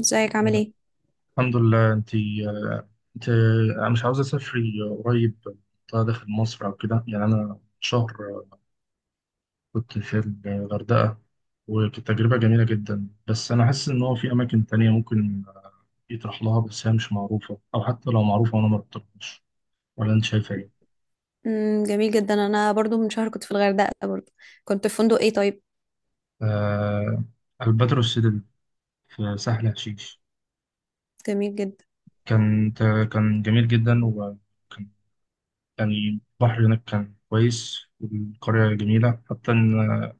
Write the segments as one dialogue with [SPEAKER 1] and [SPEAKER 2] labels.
[SPEAKER 1] ازيك عامل ايه؟
[SPEAKER 2] الحمد لله. انت؟ انا مش عاوز اسافري قريب، منطقه داخل مصر او كده. يعني انا شهر كنت في الغردقه، وكانت تجربه جميله جدا، بس انا حاسس ان هو في اماكن تانية ممكن يطرح لها، بس هي مش معروفه، او حتى لو معروفه وانا ما رحتهاش. ولا انت شايفه ايه؟
[SPEAKER 1] جميل جدا، انا برضو من شهر كنت في الغردقه برضو. كنت في فندق ايه طيب؟
[SPEAKER 2] آه. الباترو السيدل في سهل حشيش.
[SPEAKER 1] جميل جدا.
[SPEAKER 2] كان كان جميل جدا. وكان يعني البحر هناك كان كويس، والقريه جميله، حتى ان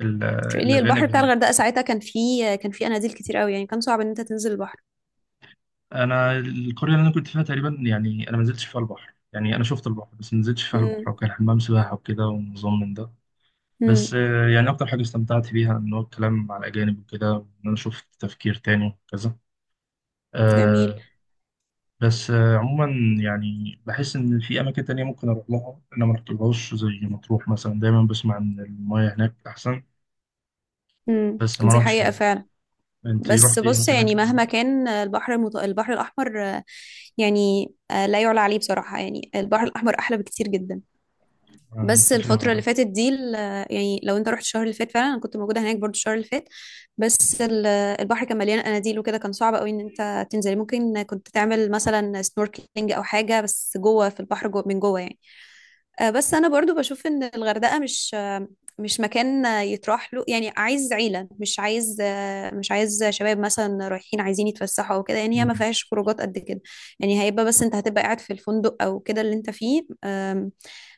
[SPEAKER 1] تريلي البحر
[SPEAKER 2] الاجانب
[SPEAKER 1] بتاع
[SPEAKER 2] هناك...
[SPEAKER 1] الغردقه ساعتها كان فيه، كان فيه اناديل كتير قوي، يعني كان صعب ان انت تنزل البحر.
[SPEAKER 2] انا القريه اللي انا كنت فيها تقريبا، يعني انا ما نزلتش فيها البحر، يعني انا شفت البحر بس ما نزلتش فيها البحر،
[SPEAKER 1] امم
[SPEAKER 2] وكان حمام سباحه وكده، ونظام من ده. بس
[SPEAKER 1] امم
[SPEAKER 2] يعني اكتر حاجه استمتعت بيها ان هو الكلام مع الاجانب وكده، ان انا شفت تفكير تاني وكذا.
[SPEAKER 1] جميل.
[SPEAKER 2] آه، بس عموما، يعني بحس ان في اماكن تانية ممكن اروح لها انا ما رحتلهاش، زي مطروح مثلا. دايما بسمع ان المياه هناك احسن، بس ما
[SPEAKER 1] دي
[SPEAKER 2] رحتش
[SPEAKER 1] حقيقه
[SPEAKER 2] هناك.
[SPEAKER 1] فعلا.
[SPEAKER 2] انت
[SPEAKER 1] بس
[SPEAKER 2] رحتي
[SPEAKER 1] بص،
[SPEAKER 2] اماكن
[SPEAKER 1] يعني
[SPEAKER 2] هناك قبل
[SPEAKER 1] مهما
[SPEAKER 2] كده؟
[SPEAKER 1] كان البحر البحر الاحمر، يعني، لا يعلى عليه بصراحه، يعني البحر الاحمر احلى بكتير جدا.
[SPEAKER 2] انا
[SPEAKER 1] بس
[SPEAKER 2] متفق مع
[SPEAKER 1] الفترة اللي
[SPEAKER 2] ده.
[SPEAKER 1] فاتت دي يعني لو انت رحت الشهر اللي فات، فعلا انا كنت موجودة هناك برضو الشهر اللي فات. بس ال- البحر كان مليان قناديل وكده، كان صعب قوي ان انت تنزلي. ممكن كنت تعمل مثلا سنوركلينج او حاجة، بس جوه في البحر، جوه من جوه يعني. بس انا برضو بشوف ان الغردقة مش مش مكان يتراح له، يعني عايز عيلة، مش عايز، مش عايز شباب مثلا رايحين عايزين يتفسحوا او كده، يعني هي
[SPEAKER 2] مم.
[SPEAKER 1] ما فيهاش خروجات قد كده. يعني هيبقى، بس انت هتبقى قاعد في الفندق او كده اللي انت فيه.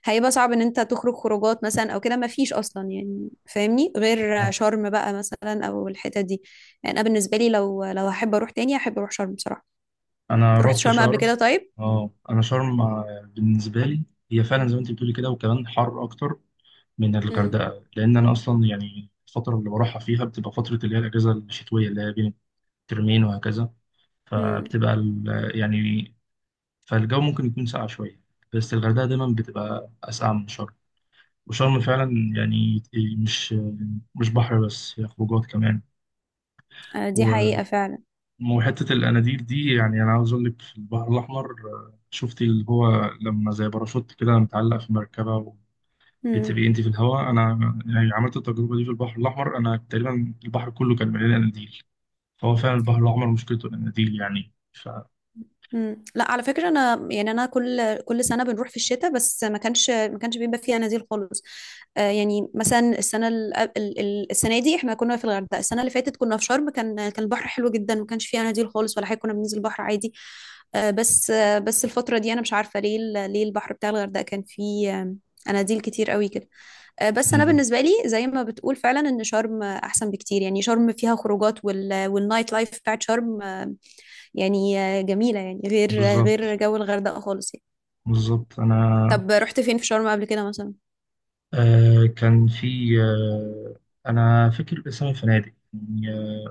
[SPEAKER 1] هيبقى صعب ان انت تخرج خروجات مثلا او كده، ما فيش اصلا يعني، فاهمني؟ غير شرم بقى مثلا او الحتت دي. يعني انا بالنسبه لي، لو هحب اروح تاني، هحب اروح شرم بصراحه.
[SPEAKER 2] انا
[SPEAKER 1] رحت
[SPEAKER 2] رحت
[SPEAKER 1] شرم قبل
[SPEAKER 2] شرم.
[SPEAKER 1] كده طيب؟
[SPEAKER 2] اه. انا شرم بالنسبه لي هي فعلا زي ما انت بتقولي كده، وكمان حر اكتر من
[SPEAKER 1] امم
[SPEAKER 2] الغردقه، لان انا اصلا يعني الفتره اللي بروحها فيها بتبقى فتره اللي هي الاجازه الشتويه اللي هي بين الترمين وهكذا.
[SPEAKER 1] امم
[SPEAKER 2] فبتبقى يعني فالجو ممكن يكون ساقع شويه، بس الغردقه دايما بتبقى اسقع من شرم. وشرم فعلا يعني مش مش بحر بس، هي خروجات كمان.
[SPEAKER 1] دي حقيقه فعلا.
[SPEAKER 2] وحتة الأناديل دي، يعني أنا عاوز أقول لك في البحر الأحمر، شفتي اللي هو لما زي باراشوت كده متعلق في مركبة وبتبقي أنت في الهواء؟ أنا يعني عملت التجربة دي في البحر الأحمر، أنا تقريبا البحر كله كان مليان أناديل. فهو فعلا البحر الأحمر مشكلته الأناديل يعني. ف...
[SPEAKER 1] مم. لا على فكرة، أنا يعني أنا كل سنة بنروح في الشتاء، بس ما كانش بيبقى فيها نزيل خالص. آه، يعني مثلا السنة السنة دي احنا كنا في الغردقة، السنة اللي فاتت كنا في شرم، كان البحر حلو جدا، ما كانش فيها نزيل خالص ولا حاجة، كنا بننزل البحر عادي. آه بس، آه بس الفترة دي أنا مش عارفة ليه ليه البحر بتاع الغردقة كان فيه، اناديل كتير قوي كده. بس انا
[SPEAKER 2] مم.
[SPEAKER 1] بالنسبه لي زي ما بتقول، فعلا ان شرم احسن بكتير، يعني شرم فيها خروجات والنايت لايف بتاعت شرم يعني جميلة، يعني غير،
[SPEAKER 2] بالظبط.
[SPEAKER 1] غير جو الغردقة خالص يعني.
[SPEAKER 2] بالظبط. أنا
[SPEAKER 1] طب رحت فين في شرم قبل كده مثلا؟
[SPEAKER 2] كان في... أنا فاكر اسم الفنادق، يعني،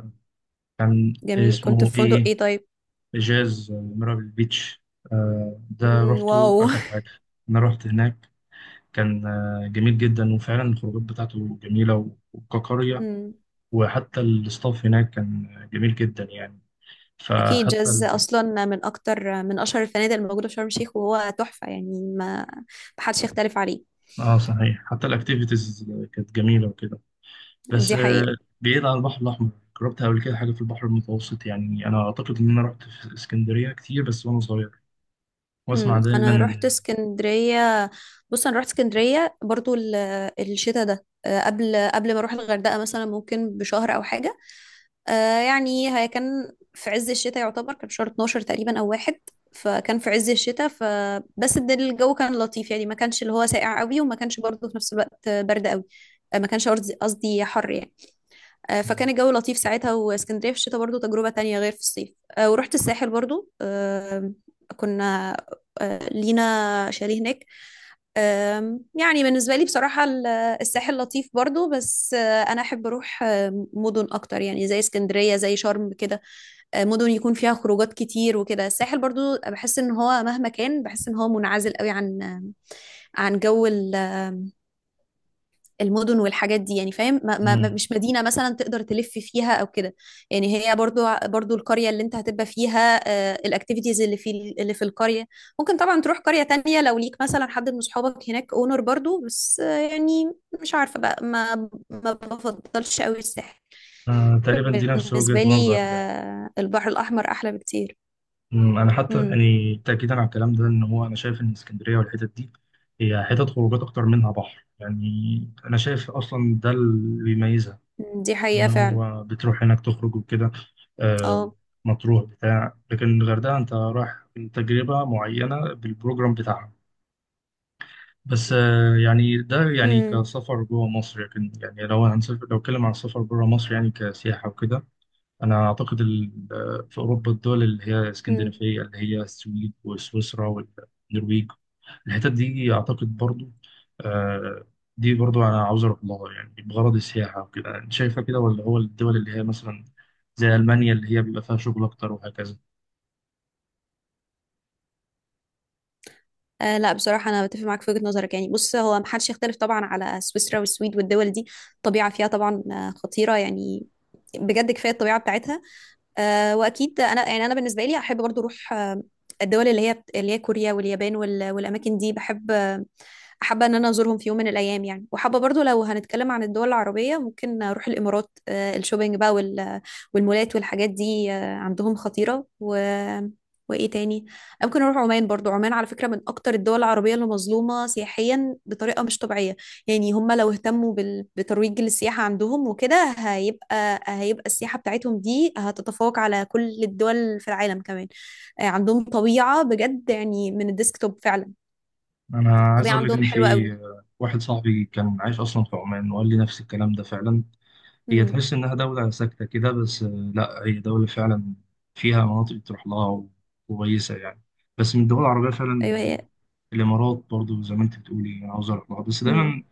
[SPEAKER 2] كان
[SPEAKER 1] جميل، كنت
[SPEAKER 2] اسمه
[SPEAKER 1] في فندق
[SPEAKER 2] إيه؟
[SPEAKER 1] ايه طيب؟
[SPEAKER 2] جاز ميرابل بيتش. ده
[SPEAKER 1] مم،
[SPEAKER 2] روحته
[SPEAKER 1] واو.
[SPEAKER 2] آخر حاجة. أنا رحت هناك، كان جميل جدا، وفعلا الخروجات بتاعته جميلة وكقرية.
[SPEAKER 1] مم.
[SPEAKER 2] وحتى الستاف هناك كان جميل جدا يعني.
[SPEAKER 1] اكيد
[SPEAKER 2] فحتى
[SPEAKER 1] جاز
[SPEAKER 2] ال...
[SPEAKER 1] اصلا من اكتر، من اشهر الفنادق الموجودة في شرم الشيخ، وهو تحفة يعني، ما محدش يختلف عليه.
[SPEAKER 2] اه صحيح، حتى الاكتيفيتيز كانت جميلة وكده. بس
[SPEAKER 1] دي حقيقة.
[SPEAKER 2] بعيد عن البحر الأحمر، جربت قبل كده حاجة في البحر المتوسط؟ يعني أنا أعتقد إن أنا رحت في اسكندرية كتير بس وأنا صغير، وأسمع
[SPEAKER 1] مم.
[SPEAKER 2] دايما
[SPEAKER 1] انا رحت
[SPEAKER 2] إن...
[SPEAKER 1] اسكندريه. بص انا رحت اسكندريه برضو الشتاء ده، قبل، قبل ما اروح الغردقه مثلا، ممكن بشهر او حاجه. يعني هي كان في عز الشتاء يعتبر، كان شهر 12 تقريبا او واحد. فكان في عز الشتاء، فبس الجو كان لطيف، يعني ما كانش اللي هو ساقع قوي، وما كانش برضو في نفس الوقت برد قوي. ما كانش قصدي حر يعني. فكان الجو لطيف ساعتها، واسكندرية في الشتاء برضو تجربة تانية غير في الصيف. ورحت الساحل برضو. كنا، لينا شاليه هناك. يعني بالنسبة لي بصراحة الساحل لطيف برضو، بس أنا أحب أروح مدن أكتر، يعني زي اسكندرية، زي شرم كده. مدن يكون فيها خروجات كتير وكده. الساحل برضو بحس إن هو مهما كان بحس إن هو منعزل قوي عن، عن جو المدن والحاجات دي يعني، فاهم؟
[SPEAKER 2] مم.
[SPEAKER 1] مش مدينة مثلا تقدر تلف فيها او كده. يعني هي برضو القرية اللي انت هتبقى فيها، الاكتيفيتيز اللي في، اللي في القرية. ممكن طبعا تروح قرية تانية لو ليك مثلا حد من صحابك هناك اونر برضو، بس يعني مش عارفة بقى، ما بفضلش قوي الساحل.
[SPEAKER 2] تقريبا دي نفس وجهة
[SPEAKER 1] بالنسبة لي
[SPEAKER 2] نظري يعني.
[SPEAKER 1] البحر الأحمر أحلى بكتير.
[SPEAKER 2] انا حتى
[SPEAKER 1] امم
[SPEAKER 2] يعني تاكيدا على الكلام ده، ان هو انا شايف ان اسكندريه والحتت دي هي حتت خروجات اكتر منها بحر يعني. انا شايف اصلا ده اللي بيميزها،
[SPEAKER 1] دي
[SPEAKER 2] ان
[SPEAKER 1] حقيقة فعلا.
[SPEAKER 2] هو بتروح هناك تخرج وكده. آه،
[SPEAKER 1] اه.
[SPEAKER 2] مطروح بتاع. لكن الغردقه انت رايح تجربه معينه بالبروجرام بتاعها. بس يعني ده يعني كسفر جوه مصر. لكن يعني لو هنسافر، لو اتكلم عن السفر بره مصر يعني كسياحه وكده، أنا أعتقد في أوروبا الدول اللي هي
[SPEAKER 1] امم
[SPEAKER 2] اسكندنافية، اللي هي السويد وسويسرا والنرويج، الحتت دي أعتقد برضو، آه، دي برضو أنا عاوز أروح لها يعني بغرض السياحة وكده. أنت شايفة كده، ولا هو الدول اللي هي مثلا زي ألمانيا اللي هي بيبقى فيها شغل أكتر وهكذا؟
[SPEAKER 1] آه لا، بصراحة أنا بتفق معاك في وجهة نظرك، يعني بص، هو محدش يختلف طبعا على سويسرا والسويد والدول دي. الطبيعة فيها طبعا خطيرة يعني، بجد كفاية الطبيعة بتاعتها. آه، وأكيد أنا يعني أنا بالنسبة لي أحب برضو أروح الدول اللي هي، اللي هي كوريا واليابان والأماكن دي، بحب، حابة ان انا ازورهم في يوم من الايام يعني. وحابة برضو، لو هنتكلم عن الدول العربية، ممكن اروح الامارات. الشوبينج بقى والمولات والحاجات دي، عندهم خطيرة وايه تاني؟ ممكن اروح عمان برضو. عمان على فكرة من اكتر الدول العربية اللي مظلومة سياحيا بطريقة مش طبيعية. يعني هم لو اهتموا بترويج للسياحة عندهم وكده، هيبقى السياحة بتاعتهم دي هتتفوق على كل الدول في العالم كمان. عندهم طبيعة بجد، يعني من الديسكتوب فعلا.
[SPEAKER 2] أنا عايز
[SPEAKER 1] الطبيعة
[SPEAKER 2] أقول لك
[SPEAKER 1] عندهم
[SPEAKER 2] إن
[SPEAKER 1] حلوة
[SPEAKER 2] في
[SPEAKER 1] قوي.
[SPEAKER 2] واحد صاحبي كان عايش أصلا في عمان، وقال لي نفس الكلام ده فعلا. هي
[SPEAKER 1] امم
[SPEAKER 2] تحس إنها دولة ساكتة كده، بس لا، هي دولة فعلا فيها مناطق تروح لها كويسة، يعني بس من الدول العربية
[SPEAKER 1] ايوه
[SPEAKER 2] فعلا.
[SPEAKER 1] هي.
[SPEAKER 2] الإمارات برضو زي ما أنت بتقولي أنا عاوز أروح لها، بس دايما
[SPEAKER 1] امم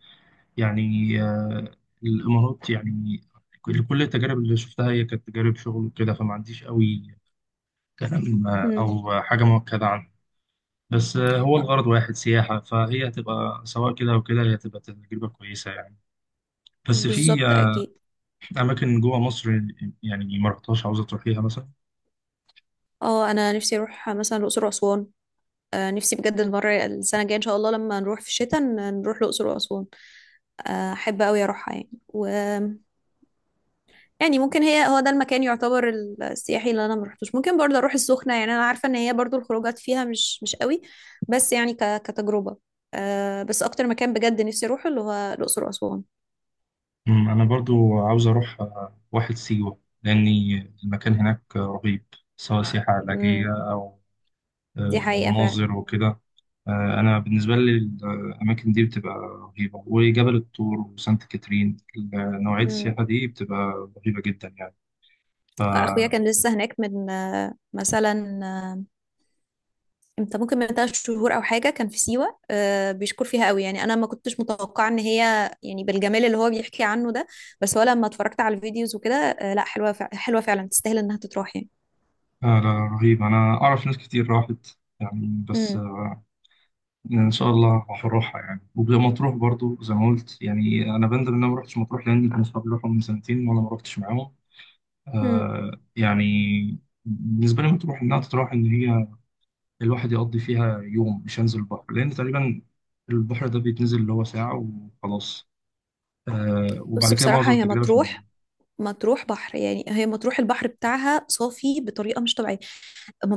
[SPEAKER 2] يعني، آه، الإمارات يعني كل التجارب اللي شفتها هي كانت تجارب شغل وكده، فما عنديش قوي كلام،
[SPEAKER 1] امم
[SPEAKER 2] أو حاجة مؤكدة عنها. بس هو الغرض واحد سياحة، فهي هتبقى سواء كده أو كده، هي هتبقى تجربة كويسة يعني. بس في
[SPEAKER 1] بالظبط اكيد.
[SPEAKER 2] أماكن جوه مصر يعني ما رحتهاش، عاوزة تروحيها مثلا؟
[SPEAKER 1] اه انا نفسي اروح مثلا الاقصر واسوان. آه نفسي بجد المره السنه الجايه ان شاء الله لما نروح في الشتاء، نروح الاقصر واسوان. احب قوي اروحها يعني. و يعني ممكن هي، هو ده المكان يعتبر السياحي اللي انا ما رحتوش. ممكن برضه اروح السخنه، يعني انا عارفه ان هي برضه الخروجات فيها مش قوي، بس يعني كتجربه. آه بس اكتر مكان بجد نفسي اروحه اللي هو الاقصر واسوان.
[SPEAKER 2] أنا برضو عاوز أروح واحد سيوة، لأني المكان هناك رهيب. سواء سياحة
[SPEAKER 1] امم
[SPEAKER 2] علاجية أو
[SPEAKER 1] دي حقيقه
[SPEAKER 2] مناظر وكده. أنا بالنسبة لي الأماكن دي بتبقى رهيبة، وجبل الطور وسانت كاترين، نوعية
[SPEAKER 1] فعلا.
[SPEAKER 2] السياحة دي بتبقى رهيبة جدا يعني. ف
[SPEAKER 1] اخويا
[SPEAKER 2] آه،
[SPEAKER 1] كان لسه هناك من، مثلا، امتى؟ ممكن من ثلاث شهور او حاجه، كان في سيوه. بيشكر فيها قوي، يعني انا ما كنتش متوقعه ان هي يعني بالجمال اللي هو بيحكي عنه ده. بس هو لما اتفرجت على الفيديوز وكده، لا حلوه حلوه فعلا، تستاهل انها تتروح يعني.
[SPEAKER 2] لا، رهيب. أنا أعرف ناس كتير راحت يعني، بس
[SPEAKER 1] امم
[SPEAKER 2] ان شاء الله هروحها يعني. ومطروح برضو زي ما قلت، يعني انا بندم ان انا ما رحتش مطروح، لان كانوا اصحابي راحوا من سنتين، وانا ما رحتش معاهم.
[SPEAKER 1] امم
[SPEAKER 2] يعني بالنسبه لي مطروح انها تتراح، ان هي الواحد يقضي فيها يوم. مش هنزل البحر، لان تقريبا البحر ده بيتنزل اللي هو ساعه وخلاص. آه، وبعد
[SPEAKER 1] بص
[SPEAKER 2] كده
[SPEAKER 1] بصراحه
[SPEAKER 2] معظم
[SPEAKER 1] هي
[SPEAKER 2] التجربه في
[SPEAKER 1] مطروح،
[SPEAKER 2] المدينه.
[SPEAKER 1] مطروح بحر يعني، هي مطروح البحر بتاعها صافي بطريقه مش طبيعيه.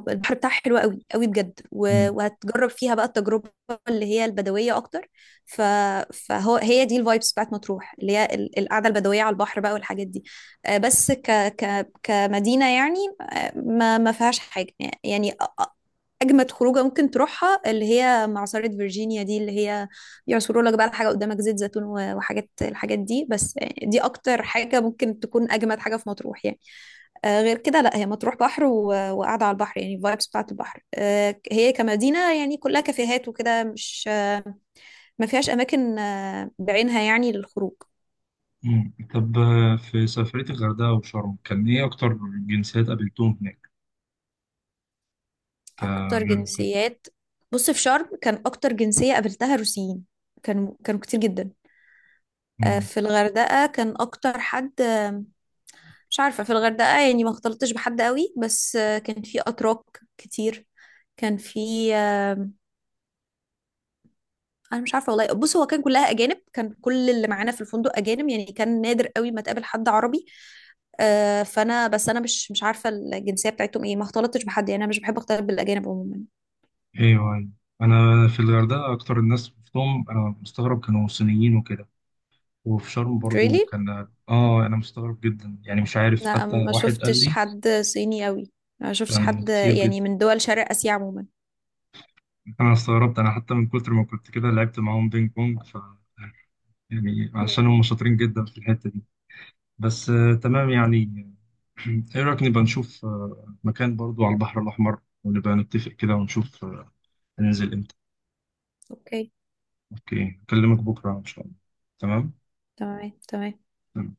[SPEAKER 1] البحر بتاعها حلو قوي قوي بجد،
[SPEAKER 2] مم.
[SPEAKER 1] وهتجرب فيها بقى التجربة اللي هي البدوية أكتر. ف... فهو هي دي الفايبس بتاعت مطروح، اللي هي القعدة البدوية على البحر بقى والحاجات دي. بس كمدينة يعني، ما فيهاش حاجة يعني. اجمد خروجه ممكن تروحها اللي هي معصرة فيرجينيا دي، اللي هي يعصروا لك بقى الحاجه قدامك زيت زيتون الحاجات دي. بس دي اكتر حاجه ممكن تكون، اجمد حاجه في مطروح يعني. غير كده لا، هي مطروح بحر وقاعده على البحر، يعني الفايبس بتاعت البحر. هي كمدينه يعني كلها كافيهات وكده، مش، ما فيهاش اماكن بعينها يعني للخروج.
[SPEAKER 2] مم. طب في سفريه الغردقه وشرم كان ايه اكتر جنسيات قابلتهم هناك؟ كان...
[SPEAKER 1] اكتر جنسيات؟ بص في شرم كان اكتر جنسيه قابلتها روسيين، كانوا كتير جدا.
[SPEAKER 2] ممكن...
[SPEAKER 1] في الغردقه كان اكتر حد، مش عارفة، في الغردقة يعني ما اختلطتش بحد قوي، بس كان في أتراك كتير. كان في آه، أنا مش عارفة والله، بص هو كان كلها أجانب، كان كل اللي معانا في الفندق أجانب يعني، كان نادر قوي ما تقابل حد عربي. فأنا، بس أنا مش عارفة الجنسية بتاعتهم إيه، ما اختلطتش بحد يعني، أنا مش بحب أختلط بالأجانب عموما.
[SPEAKER 2] ايوه، ايوه. انا في الغردقه اكتر الناس شفتهم، انا مستغرب كانوا صينيين وكده. وفي شرم برضو
[SPEAKER 1] really؟
[SPEAKER 2] كان... اه، انا مستغرب جدا يعني. مش عارف،
[SPEAKER 1] لا
[SPEAKER 2] حتى
[SPEAKER 1] ما
[SPEAKER 2] واحد قال
[SPEAKER 1] شفتش
[SPEAKER 2] لي
[SPEAKER 1] حد صيني قوي، ما شفتش
[SPEAKER 2] كان
[SPEAKER 1] حد
[SPEAKER 2] كتير جدا.
[SPEAKER 1] يعني من دول شرق آسيا عموما.
[SPEAKER 2] انا استغربت، انا حتى من كتر ما كنت كده لعبت معاهم بينج بونج. ف يعني
[SPEAKER 1] مم.
[SPEAKER 2] عشان هم شاطرين جدا في الحته دي. بس تمام يعني. ايه رايك نبقى نشوف مكان برضو على البحر الاحمر، ونبقى نتفق كده ونشوف هننزل امتى؟
[SPEAKER 1] أوكي.
[SPEAKER 2] اوكي، اكلمك بكره ان شاء الله. تمام.
[SPEAKER 1] تمام تمام.
[SPEAKER 2] تمام.